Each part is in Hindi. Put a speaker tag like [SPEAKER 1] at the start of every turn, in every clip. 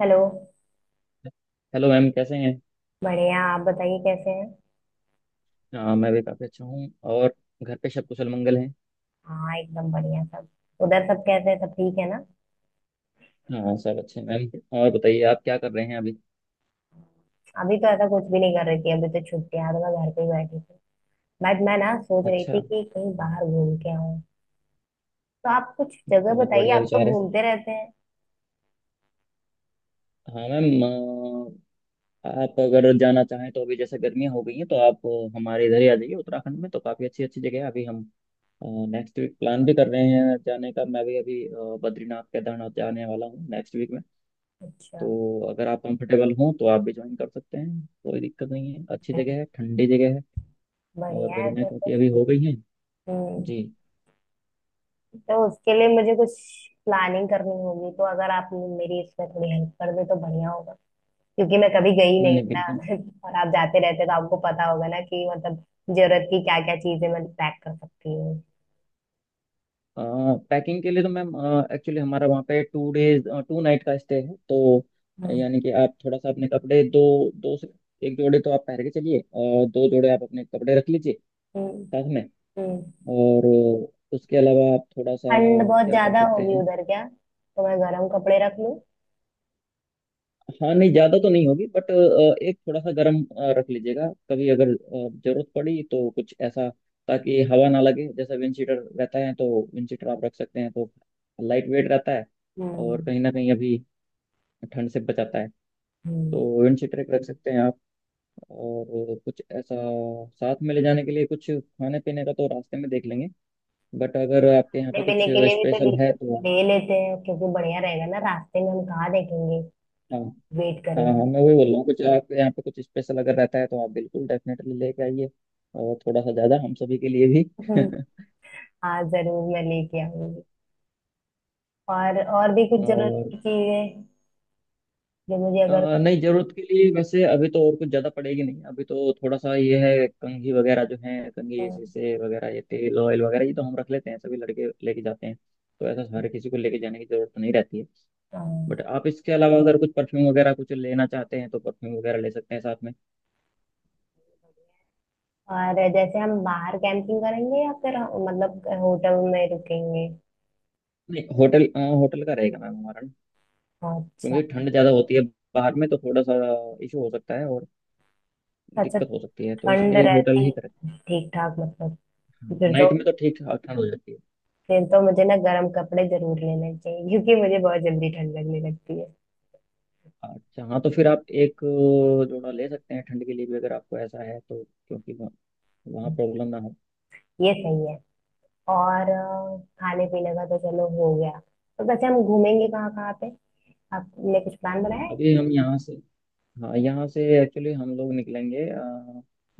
[SPEAKER 1] हेलो।
[SPEAKER 2] हेलो मैम, कैसे हैं।
[SPEAKER 1] बढ़िया। आप बताइए कैसे हैं।
[SPEAKER 2] हाँ, मैं भी काफ़ी अच्छा हूँ और घर पे सब कुशल मंगल हैं।
[SPEAKER 1] हाँ, एकदम बढ़िया सब। उधर सब कैसे हैं? सब ठीक है ना।
[SPEAKER 2] हाँ, सब अच्छे हैं मैम। और बताइए आप क्या कर रहे हैं अभी।
[SPEAKER 1] अभी तो ऐसा कुछ भी नहीं कर रही थी। अभी तो छुट्टियां हैं, तो मैं घर पे ही बैठी थी। बट मैं ना सोच रही थी
[SPEAKER 2] अच्छा।
[SPEAKER 1] कि कहीं बाहर घूम के आऊँ। तो आप कुछ जगह
[SPEAKER 2] बहुत
[SPEAKER 1] बताइए,
[SPEAKER 2] बढ़िया
[SPEAKER 1] आप तो
[SPEAKER 2] विचार है।
[SPEAKER 1] घूमते रहते हैं।
[SPEAKER 2] हाँ मैम। आप अगर जाना चाहें तो, अभी जैसे गर्मियाँ हो गई हैं, तो आप हमारे इधर ही आ जाइए। उत्तराखंड में तो काफ़ी अच्छी अच्छी जगह है। अभी हम नेक्स्ट वीक प्लान भी कर रहे हैं जाने का। मैं भी अभी बद्रीनाथ केदारनाथ जाने वाला हूँ नेक्स्ट वीक में।
[SPEAKER 1] अच्छा।
[SPEAKER 2] तो अगर आप कंफर्टेबल हों तो आप भी ज्वाइन कर सकते हैं। कोई दिक्कत नहीं है। अच्छी
[SPEAKER 1] बड़े-
[SPEAKER 2] जगह है, ठंडी जगह है। और
[SPEAKER 1] बढ़िया है
[SPEAKER 2] गर्मियाँ
[SPEAKER 1] फिर
[SPEAKER 2] क्योंकि
[SPEAKER 1] तो।
[SPEAKER 2] अभी हो गई हैं।
[SPEAKER 1] हम्म।
[SPEAKER 2] जी।
[SPEAKER 1] तो उसके लिए मुझे कुछ प्लानिंग करनी होगी, तो अगर आप मेरी इसमें थोड़ी हेल्प कर दे तो बढ़िया होगा। क्योंकि मैं कभी गई
[SPEAKER 2] नहीं
[SPEAKER 1] नहीं
[SPEAKER 2] नहीं,
[SPEAKER 1] ना।
[SPEAKER 2] बिल्कुल।
[SPEAKER 1] और आप जाते रहते तो आपको पता होगा ना कि मतलब जरूरत की क्या क्या चीजें मैं पैक कर सकती हूँ।
[SPEAKER 2] पैकिंग के लिए तो मैम, एक्चुअली हमारा वहाँ पे टू डेज टू नाइट का स्टे है, तो
[SPEAKER 1] हम्म।
[SPEAKER 2] यानी कि आप थोड़ा सा अपने कपड़े दो, दो से एक जोड़े तो आप पहन के चलिए और दो जोड़े आप अपने कपड़े रख लीजिए
[SPEAKER 1] हम्म,
[SPEAKER 2] साथ में।
[SPEAKER 1] हम्म।
[SPEAKER 2] और उसके अलावा आप थोड़ा सा
[SPEAKER 1] ठंड बहुत
[SPEAKER 2] क्या कर
[SPEAKER 1] ज्यादा
[SPEAKER 2] सकते
[SPEAKER 1] होगी
[SPEAKER 2] हैं।
[SPEAKER 1] उधर क्या? तो मैं गर्म कपड़े रख लूँ।
[SPEAKER 2] हाँ, नहीं ज्यादा तो नहीं होगी, बट एक थोड़ा सा गर्म रख लीजिएगा, कभी अगर जरूरत पड़ी तो, कुछ ऐसा ताकि हवा ना लगे। जैसा विंड शीटर रहता है, तो विंड शीटर आप रख सकते हैं, तो लाइट वेट रहता है और
[SPEAKER 1] हम्म।
[SPEAKER 2] कहीं ना कहीं अभी ठंड से बचाता है।
[SPEAKER 1] हम्म।
[SPEAKER 2] तो विंड शीटर एक रख सकते हैं आप। और कुछ ऐसा साथ में ले जाने के लिए, कुछ खाने पीने का तो रास्ते में देख लेंगे, बट अगर आपके यहाँ
[SPEAKER 1] खाने
[SPEAKER 2] पे कुछ
[SPEAKER 1] पीने के लिए भी तो ले
[SPEAKER 2] स्पेशल है तो।
[SPEAKER 1] ले लेते हैं, क्योंकि बढ़िया रहेगा ना। रास्ते में हम कहाँ देखेंगे,
[SPEAKER 2] हाँ
[SPEAKER 1] वेट
[SPEAKER 2] हाँ
[SPEAKER 1] करेंगे।
[SPEAKER 2] हाँ, मैं वही बोल रहा हूँ, कुछ आपके यहाँ पे कुछ स्पेशल अगर रहता है तो आप बिल्कुल डेफिनेटली लेके आइए, और थोड़ा सा ज़्यादा हम सभी के लिए भी।
[SPEAKER 1] हम्म, हाँ जरूर मैं लेके आऊंगी। और भी कुछ जरूरत
[SPEAKER 2] और
[SPEAKER 1] की चीजें जो मुझे अगर।
[SPEAKER 2] नहीं, ज़रूरत के लिए वैसे अभी तो और कुछ ज़्यादा पड़ेगी नहीं। अभी तो थोड़ा सा ये है कंघी वगैरह, जो है कंघी शीशे वगैरह, ये तेल ऑयल वगैरह, ये तो हम रख लेते हैं, सभी लड़के लेके जाते हैं। तो ऐसा हर किसी को लेके जाने की ज़रूरत तो नहीं रहती है।
[SPEAKER 1] हाँ।
[SPEAKER 2] बट आप इसके अलावा अगर कुछ परफ्यूम वगैरह कुछ लेना चाहते हैं तो परफ्यूम वगैरह ले सकते हैं साथ में।
[SPEAKER 1] और जैसे हम बाहर कैंपिंग करेंगे, या फिर मतलब होटल में रुकेंगे?
[SPEAKER 2] नहीं, होटल का रहेगा मैम हमारा,
[SPEAKER 1] अच्छा।
[SPEAKER 2] क्योंकि ठंड ज़्यादा होती है। बाहर में तो थोड़ा सा इशू हो सकता है और
[SPEAKER 1] अच्छा।
[SPEAKER 2] दिक्कत हो सकती है, तो
[SPEAKER 1] ठंड
[SPEAKER 2] इसलिए होटल ही
[SPEAKER 1] रहती
[SPEAKER 2] करें।
[SPEAKER 1] ठीक ठाक मतलब, फिर तो।
[SPEAKER 2] नाइट में तो ठीक ठाक ठंड हो जाती है।
[SPEAKER 1] फिर तो मुझे ना गर्म कपड़े जरूर लेने चाहिए, क्योंकि मुझे बहुत जल्दी ठंड लगने लगती है।
[SPEAKER 2] अच्छा हाँ, तो फिर आप एक जोड़ा ले सकते हैं ठंड के लिए भी, अगर आपको ऐसा है तो, क्योंकि वहाँ
[SPEAKER 1] हम्म,
[SPEAKER 2] प्रॉब्लम ना हो।
[SPEAKER 1] ये सही है। और खाने पीने का तो चलो हो गया। तो वैसे हम घूमेंगे कहाँ कहाँ पे? आपने कुछ प्लान बनाया है?
[SPEAKER 2] अभी हम यहाँ से, हाँ, यहाँ से एक्चुअली हम लोग निकलेंगे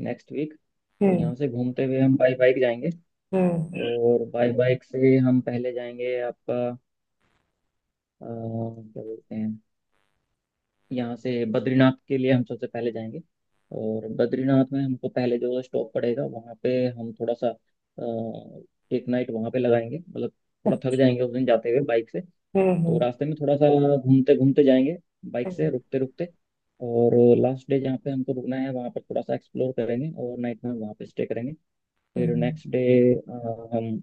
[SPEAKER 2] नेक्स्ट वीक। तो
[SPEAKER 1] हम्म।
[SPEAKER 2] यहाँ से घूमते हुए हम बाई बाइक जाएंगे।
[SPEAKER 1] हम्म।
[SPEAKER 2] और बाई बाइक से हम पहले जाएंगे आपका, क्या बोलते हैं, यहाँ से बद्रीनाथ के लिए हम सबसे पहले जाएंगे। और बद्रीनाथ में हमको पहले जो स्टॉप पड़ेगा, वहाँ पे हम थोड़ा सा एक नाइट वहाँ पे लगाएंगे, मतलब थोड़ा थक जाएंगे उस दिन जाते हुए बाइक से।
[SPEAKER 1] हम्म।
[SPEAKER 2] तो
[SPEAKER 1] हम्म।
[SPEAKER 2] रास्ते में थोड़ा सा घूमते घूमते जाएंगे, बाइक से
[SPEAKER 1] हम्म।
[SPEAKER 2] रुकते रुकते। और लास्ट डे जहाँ पे हमको रुकना है, वहाँ पर थोड़ा सा एक्सप्लोर करेंगे और नाइट में वहाँ पे स्टे करेंगे। फिर
[SPEAKER 1] हम्म,
[SPEAKER 2] नेक्स्ट डे हम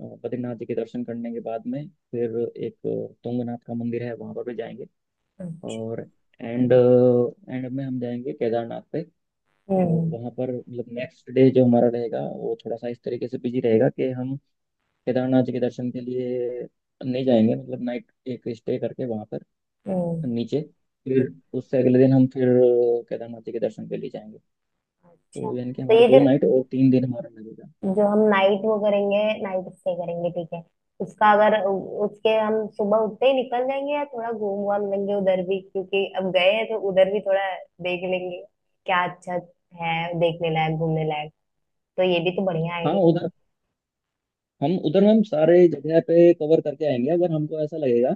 [SPEAKER 2] बद्रीनाथ जी के दर्शन करने के बाद में, फिर एक तुंगनाथ का मंदिर है, वहाँ पर भी जाएंगे।
[SPEAKER 1] अच्छा।
[SPEAKER 2] और एंड एंड में हम जाएंगे केदारनाथ पे। और
[SPEAKER 1] हम्म।
[SPEAKER 2] वहाँ पर मतलब नेक्स्ट डे जो हमारा रहेगा, वो थोड़ा सा इस तरीके से बिजी रहेगा कि हम केदारनाथ जी के दर्शन के लिए नहीं जाएंगे, मतलब नाइट एक स्टे करके वहाँ पर
[SPEAKER 1] हम्म।
[SPEAKER 2] नीचे। फिर उससे अगले दिन हम फिर केदारनाथ जी के दर्शन के लिए जाएंगे।
[SPEAKER 1] अच्छा,
[SPEAKER 2] तो यानी कि
[SPEAKER 1] तो
[SPEAKER 2] हमारा
[SPEAKER 1] ये
[SPEAKER 2] दो
[SPEAKER 1] जो।
[SPEAKER 2] नाइट और तीन दिन हमारा लगेगा।
[SPEAKER 1] जो हम नाइट वो करेंगे, नाइट स्टे करेंगे, ठीक है। उसका अगर उसके हम सुबह उठते ही निकल जाएंगे, या थोड़ा घूम वाम लेंगे उधर भी, क्योंकि अब गए हैं तो उधर भी थोड़ा देख लेंगे। क्या अच्छा है देखने लायक घूमने लायक, तो ये भी तो बढ़िया
[SPEAKER 2] हाँ
[SPEAKER 1] आइडिया।
[SPEAKER 2] उधर, हम सारे जगह पे कवर करके आएंगे, अगर हमको ऐसा लगेगा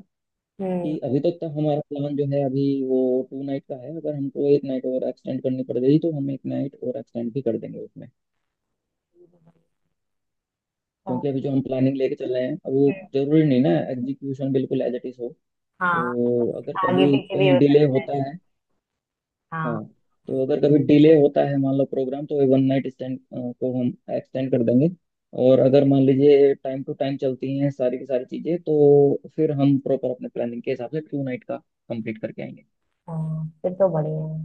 [SPEAKER 2] कि
[SPEAKER 1] हम्म।
[SPEAKER 2] अभी तक तो हमारा प्लान जो है अभी वो टू नाइट का है, अगर हमको एक नाइट और एक्सटेंड करनी पड़ गई तो हम एक नाइट और एक्सटेंड भी कर देंगे उसमें,
[SPEAKER 1] हाँ।
[SPEAKER 2] क्योंकि अभी जो हम प्लानिंग लेके चल रहे हैं, अब वो जरूरी नहीं ना एग्जीक्यूशन बिल्कुल एज इट इज हो।
[SPEAKER 1] हाँ,
[SPEAKER 2] तो
[SPEAKER 1] कुछ
[SPEAKER 2] अगर
[SPEAKER 1] आगे
[SPEAKER 2] कभी
[SPEAKER 1] पीछे भी
[SPEAKER 2] कहीं
[SPEAKER 1] हो
[SPEAKER 2] डिले
[SPEAKER 1] सकता है।
[SPEAKER 2] होता है, हाँ,
[SPEAKER 1] हाँ।
[SPEAKER 2] तो अगर कभी डिले होता है, मान लो प्रोग्राम, तो वन नाइट स्टैंड को हम एक्सटेंड कर देंगे। और अगर मान लीजिए टाइम टू टाइम चलती हैं सारी की सारी चीज़ें, तो फिर हम प्रॉपर अपने प्लानिंग के हिसाब से टू नाइट का कंप्लीट करके आएंगे।
[SPEAKER 1] हाँ, फिर तो बढ़िया है।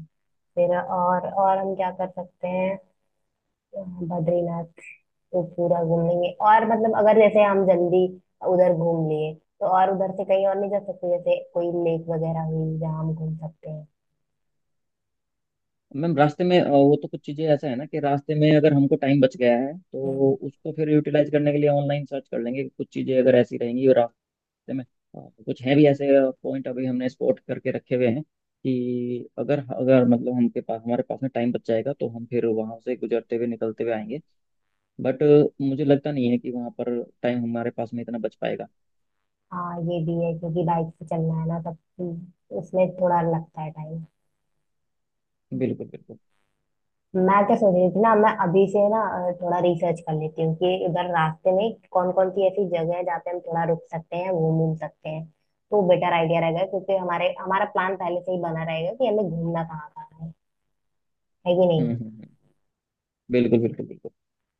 [SPEAKER 1] फिर और हम क्या कर सकते हैं? बद्रीनाथ तो पूरा घूम लेंगे, और मतलब अगर जैसे हम जल्दी उधर घूम लिए, तो और उधर से कहीं और नहीं जा सकते? जैसे कोई लेक वगैरह हुई जहाँ हम घूम सकते हैं?
[SPEAKER 2] मैम रास्ते में वो तो कुछ चीज़ें ऐसा है ना, कि रास्ते में अगर हमको टाइम बच गया है तो
[SPEAKER 1] हम्म,
[SPEAKER 2] उसको फिर यूटिलाइज करने के लिए ऑनलाइन सर्च कर लेंगे कुछ चीज़ें अगर ऐसी रहेंगी। और रास्ते में कुछ हैं भी ऐसे पॉइंट अभी हमने स्पॉट करके रखे हुए हैं, कि अगर अगर मतलब हमके पास हमारे पास में टाइम बच जाएगा तो हम फिर वहाँ से गुजरते हुए निकलते हुए आएंगे। बट मुझे लगता नहीं है कि वहाँ पर टाइम हमारे पास में इतना बच पाएगा।
[SPEAKER 1] हाँ ये भी है, क्योंकि बाइक से चलना है ना। तब उसमें थोड़ा लगता है टाइम।
[SPEAKER 2] बिल्कुल बिल्कुल।
[SPEAKER 1] मैं क्या सोच रही थी ना, मैं अभी से ना थोड़ा रिसर्च कर लेती हूँ कि उधर रास्ते में कौन कौन सी ऐसी जगह है जहाँ पे हम थोड़ा रुक सकते हैं, घूम घूम सकते हैं। तो बेटर आइडिया रहेगा, क्योंकि हमारे हमारा प्लान पहले से ही बना रहेगा कि हमें घूमना कहाँ कहाँ है कि नहीं।
[SPEAKER 2] हम्म। बिल्कुल बिल्कुल बिल्कुल।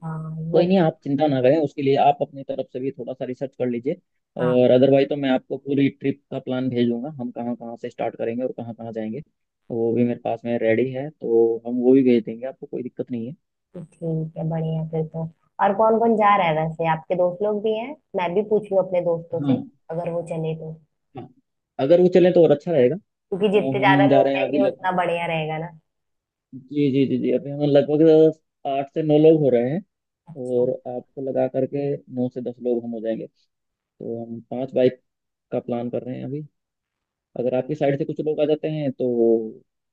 [SPEAKER 1] हाँ ये।
[SPEAKER 2] कोई नहीं, आप चिंता ना करें, उसके लिए आप अपनी तरफ से भी थोड़ा सा रिसर्च कर लीजिए।
[SPEAKER 1] हाँ,
[SPEAKER 2] और अदरवाइज तो मैं आपको पूरी ट्रिप का प्लान भेजूंगा, हम कहाँ कहाँ से स्टार्ट करेंगे और कहाँ कहाँ जाएंगे, वो भी मेरे पास में रेडी है, तो हम वो भी भेज देंगे आपको, कोई दिक्कत नहीं है।
[SPEAKER 1] तो ठीक है, बढ़िया फिर तो। और कौन कौन जा रहा है वैसे? आपके दोस्त लोग भी हैं? मैं भी पूछ लूँ अपने दोस्तों से,
[SPEAKER 2] हाँ।
[SPEAKER 1] अगर वो चले तो।
[SPEAKER 2] हाँ, अगर वो चलें तो और अच्छा रहेगा। अ,
[SPEAKER 1] क्योंकि जितने ज्यादा
[SPEAKER 2] हम जा
[SPEAKER 1] लोग
[SPEAKER 2] रहे हैं अभी
[SPEAKER 1] रहेंगे उतना
[SPEAKER 2] लगभग,
[SPEAKER 1] बढ़िया रहेगा ना।
[SPEAKER 2] जी जी जी जी, अभी हम लगभग आठ से नौ लोग हो रहे हैं।
[SPEAKER 1] अच्छा।
[SPEAKER 2] और आपको लगा करके नौ से दस लोग हम हो जाएंगे। तो हम पांच बाइक का प्लान कर रहे हैं अभी। अगर आपकी साइड से कुछ लोग आ जाते हैं तो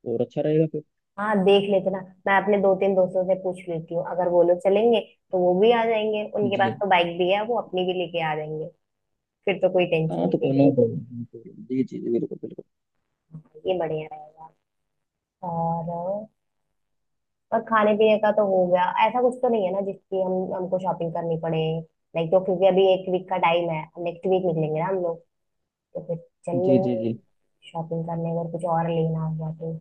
[SPEAKER 2] और अच्छा रहेगा फिर।
[SPEAKER 1] हाँ, देख लेते ना। मैं अपने दो तीन दोस्तों से पूछ लेती हूँ, अगर वो लोग चलेंगे तो वो भी आ जाएंगे। उनके पास
[SPEAKER 2] जी।
[SPEAKER 1] तो बाइक भी है, वो अपनी भी लेके आ जाएंगे। फिर तो कोई टेंशन
[SPEAKER 2] हाँ,
[SPEAKER 1] नहीं
[SPEAKER 2] तो नो
[SPEAKER 1] रहेगी।
[SPEAKER 2] प्रॉब्लम, जी जी जी, बिल्कुल बिल्कुल।
[SPEAKER 1] ये बढ़िया रहेगा। और खाने पीने का तो हो गया। ऐसा कुछ तो नहीं है ना जिसकी हम हमको शॉपिंग करनी पड़े। लाइक तो क्योंकि अभी एक वीक का टाइम है, नेक्स्ट वीक निकलेंगे ना हम लोग, तो फिर चल
[SPEAKER 2] जी जी
[SPEAKER 1] लेंगे
[SPEAKER 2] जी,
[SPEAKER 1] शॉपिंग करने अगर कुछ और लेना हुआ तो।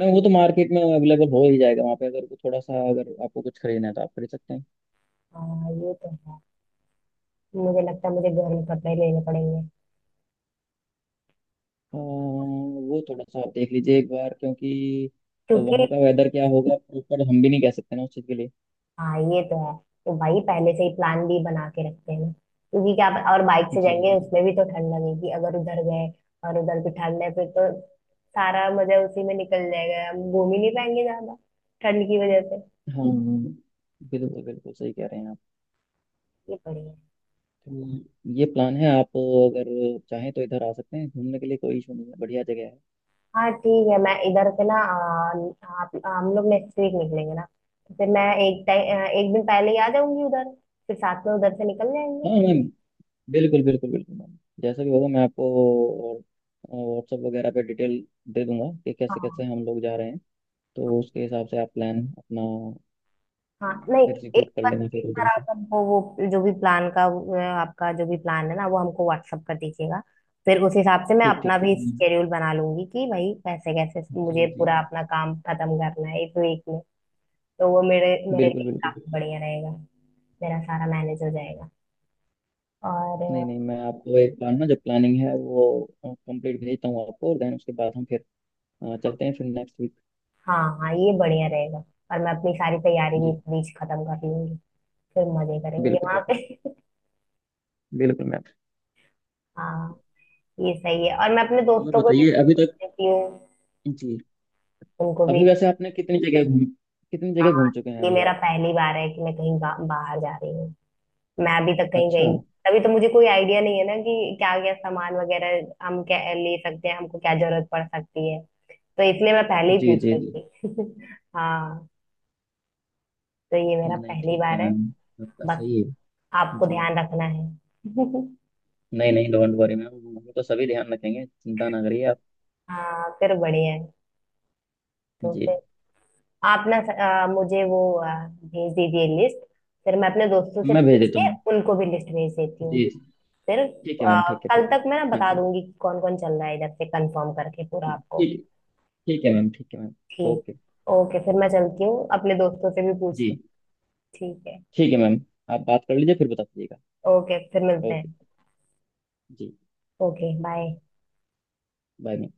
[SPEAKER 2] मैं, वो तो मार्केट में अवेलेबल हो ही जाएगा वहाँ पे, अगर वो थोड़ा सा, अगर आपको कुछ खरीदना है तो आप खरीद सकते हैं।
[SPEAKER 1] हाँ ये तो है, मुझे लगता है मुझे गर्म कपड़े लेने पड़ेंगे,
[SPEAKER 2] वो थोड़ा सा आप देख लीजिए एक बार, क्योंकि
[SPEAKER 1] क्योंकि।
[SPEAKER 2] वहाँ का वेदर क्या होगा प्रॉपर हम भी नहीं कह सकते ना, उस चीज़ के लिए।
[SPEAKER 1] हाँ ये तो है। तो भाई पहले से ही प्लान भी बना के रखते हैं, क्योंकि क्या, और बाइक से
[SPEAKER 2] जी
[SPEAKER 1] जाएंगे
[SPEAKER 2] जी।
[SPEAKER 1] उसमें भी तो ठंड लगेगी अगर उधर गए, और उधर भी ठंड है, फिर तो सारा मजा उसी में निकल जाएगा, हम घूम ही नहीं पाएंगे ज्यादा ठंड की वजह से।
[SPEAKER 2] हाँ, बिल्कुल बिल्कुल सही कह रहे हैं आप।
[SPEAKER 1] ये बढ़िया है।
[SPEAKER 2] तो ये प्लान है, आप अगर चाहें तो इधर आ सकते हैं घूमने के लिए, कोई इशू नहीं है, बढ़िया जगह है।
[SPEAKER 1] हाँ ठीक है, मैं इधर से ना आप हम लोग नेक्स्ट वीक निकलेंगे ना, तो फिर मैं एक दिन पहले ही आ जाऊंगी उधर, फिर साथ में उधर से निकल जाएंगे।
[SPEAKER 2] हाँ मैं, बिल्कुल बिल्कुल बिल्कुल मैम, जैसा भी होगा मैं आपको व्हाट्सएप वगैरह पे डिटेल दे दूंगा कि कैसे कैसे
[SPEAKER 1] हाँ।
[SPEAKER 2] हम लोग जा रहे हैं। तो उसके हिसाब से आप प्लान अपना
[SPEAKER 1] हाँ, नहीं, एक
[SPEAKER 2] एग्जीक्यूट कर
[SPEAKER 1] बार,
[SPEAKER 2] लेना
[SPEAKER 1] एक
[SPEAKER 2] फिर
[SPEAKER 1] बार
[SPEAKER 2] उधर
[SPEAKER 1] आप
[SPEAKER 2] से।
[SPEAKER 1] हमको वो जो भी प्लान का आपका जो भी प्लान है ना, वो हमको व्हाट्सअप कर दीजिएगा। फिर उस हिसाब से मैं
[SPEAKER 2] ठीक ठीक
[SPEAKER 1] अपना
[SPEAKER 2] ठीक
[SPEAKER 1] भी
[SPEAKER 2] मैम।
[SPEAKER 1] शेड्यूल बना लूंगी कि भाई कैसे कैसे मुझे
[SPEAKER 2] जी जी
[SPEAKER 1] पूरा
[SPEAKER 2] जी,
[SPEAKER 1] अपना काम खत्म करना है इस वीक में। तो वो मेरे मेरे
[SPEAKER 2] बिल्कुल
[SPEAKER 1] लिए
[SPEAKER 2] बिल्कुल
[SPEAKER 1] काफी
[SPEAKER 2] बिल्कुल।
[SPEAKER 1] बढ़िया रहेगा। मेरा सारा मैनेज हो जाएगा। और
[SPEAKER 2] नहीं नहीं, मैं आपको एक प्लान ना जो प्लानिंग है वो कंप्लीट भेजता हूँ आपको, और देन उसके बाद हम फिर चलते हैं फिर नेक्स्ट वीक।
[SPEAKER 1] हाँ। हाँ, ये बढ़िया रहेगा। और मैं अपनी सारी तैयारी भी
[SPEAKER 2] जी,
[SPEAKER 1] इस बीच खत्म कर लूंगी। फिर मजे करेंगे
[SPEAKER 2] बिल्कुल
[SPEAKER 1] वहां
[SPEAKER 2] बिल्कुल
[SPEAKER 1] पे।
[SPEAKER 2] बिल्कुल मैम।
[SPEAKER 1] हाँ, ये सही है। और मैं अपने
[SPEAKER 2] और
[SPEAKER 1] दोस्तों को भी
[SPEAKER 2] बताइए अभी तक,
[SPEAKER 1] देती हूँ,
[SPEAKER 2] जी,
[SPEAKER 1] उनको भी।
[SPEAKER 2] अभी वैसे आपने कितनी जगह घूम चुके हैं
[SPEAKER 1] ये
[SPEAKER 2] अभी
[SPEAKER 1] मेरा
[SPEAKER 2] आप?
[SPEAKER 1] पहली बार है कि मैं कहीं बाहर जा रही हूँ। मैं अभी तक कहीं गई
[SPEAKER 2] अच्छा।
[SPEAKER 1] नहीं। अभी तो मुझे कोई आइडिया नहीं है ना कि क्या क्या सामान वगैरह हम क्या ले सकते हैं, हमको क्या जरूरत पड़ सकती है, तो इसलिए मैं पहले ही
[SPEAKER 2] जी
[SPEAKER 1] पूछ
[SPEAKER 2] जी जी।
[SPEAKER 1] रही थी। हाँ, तो ये मेरा
[SPEAKER 2] नहीं
[SPEAKER 1] पहली
[SPEAKER 2] ठीक है
[SPEAKER 1] बार है।
[SPEAKER 2] मैम, आपका
[SPEAKER 1] बस
[SPEAKER 2] सही है।
[SPEAKER 1] आपको
[SPEAKER 2] जी।
[SPEAKER 1] ध्यान रखना है।
[SPEAKER 2] नहीं नहीं, डोंट वरी मैम, हम तो सभी ध्यान रखेंगे, चिंता ना करिए आप।
[SPEAKER 1] हाँ, फिर बढ़िया है। तो
[SPEAKER 2] जी,
[SPEAKER 1] फिर आप ना मुझे वो भेज दीजिए लिस्ट। फिर मैं अपने दोस्तों से
[SPEAKER 2] मैं भेज
[SPEAKER 1] पूछ
[SPEAKER 2] देता हूँ
[SPEAKER 1] के
[SPEAKER 2] मैम।
[SPEAKER 1] उनको भी लिस्ट भेज देती हूँ।
[SPEAKER 2] जी जी।
[SPEAKER 1] फिर
[SPEAKER 2] ठीक है मैम, ठीक है
[SPEAKER 1] कल
[SPEAKER 2] ठीक है।
[SPEAKER 1] तक मैं ना
[SPEAKER 2] हाँ
[SPEAKER 1] बता
[SPEAKER 2] जी।
[SPEAKER 1] दूंगी कौन कौन चल रहा है इधर से, कंफर्म करके पूरा
[SPEAKER 2] हाँ
[SPEAKER 1] आपको।
[SPEAKER 2] ठीक है। ठीक है मैम, ठीक है मैम। ओके।
[SPEAKER 1] ठीक। ओके, फिर मैं चलती हूँ, अपने दोस्तों से भी
[SPEAKER 2] जी।
[SPEAKER 1] पूछती हूँ। ठीक है।
[SPEAKER 2] ठीक है मैम, आप बात कर लीजिए फिर बता दीजिएगा।
[SPEAKER 1] ओके, फिर मिलते
[SPEAKER 2] ओके।
[SPEAKER 1] हैं।
[SPEAKER 2] जी।
[SPEAKER 1] Okay, bye.
[SPEAKER 2] Bye ma'am.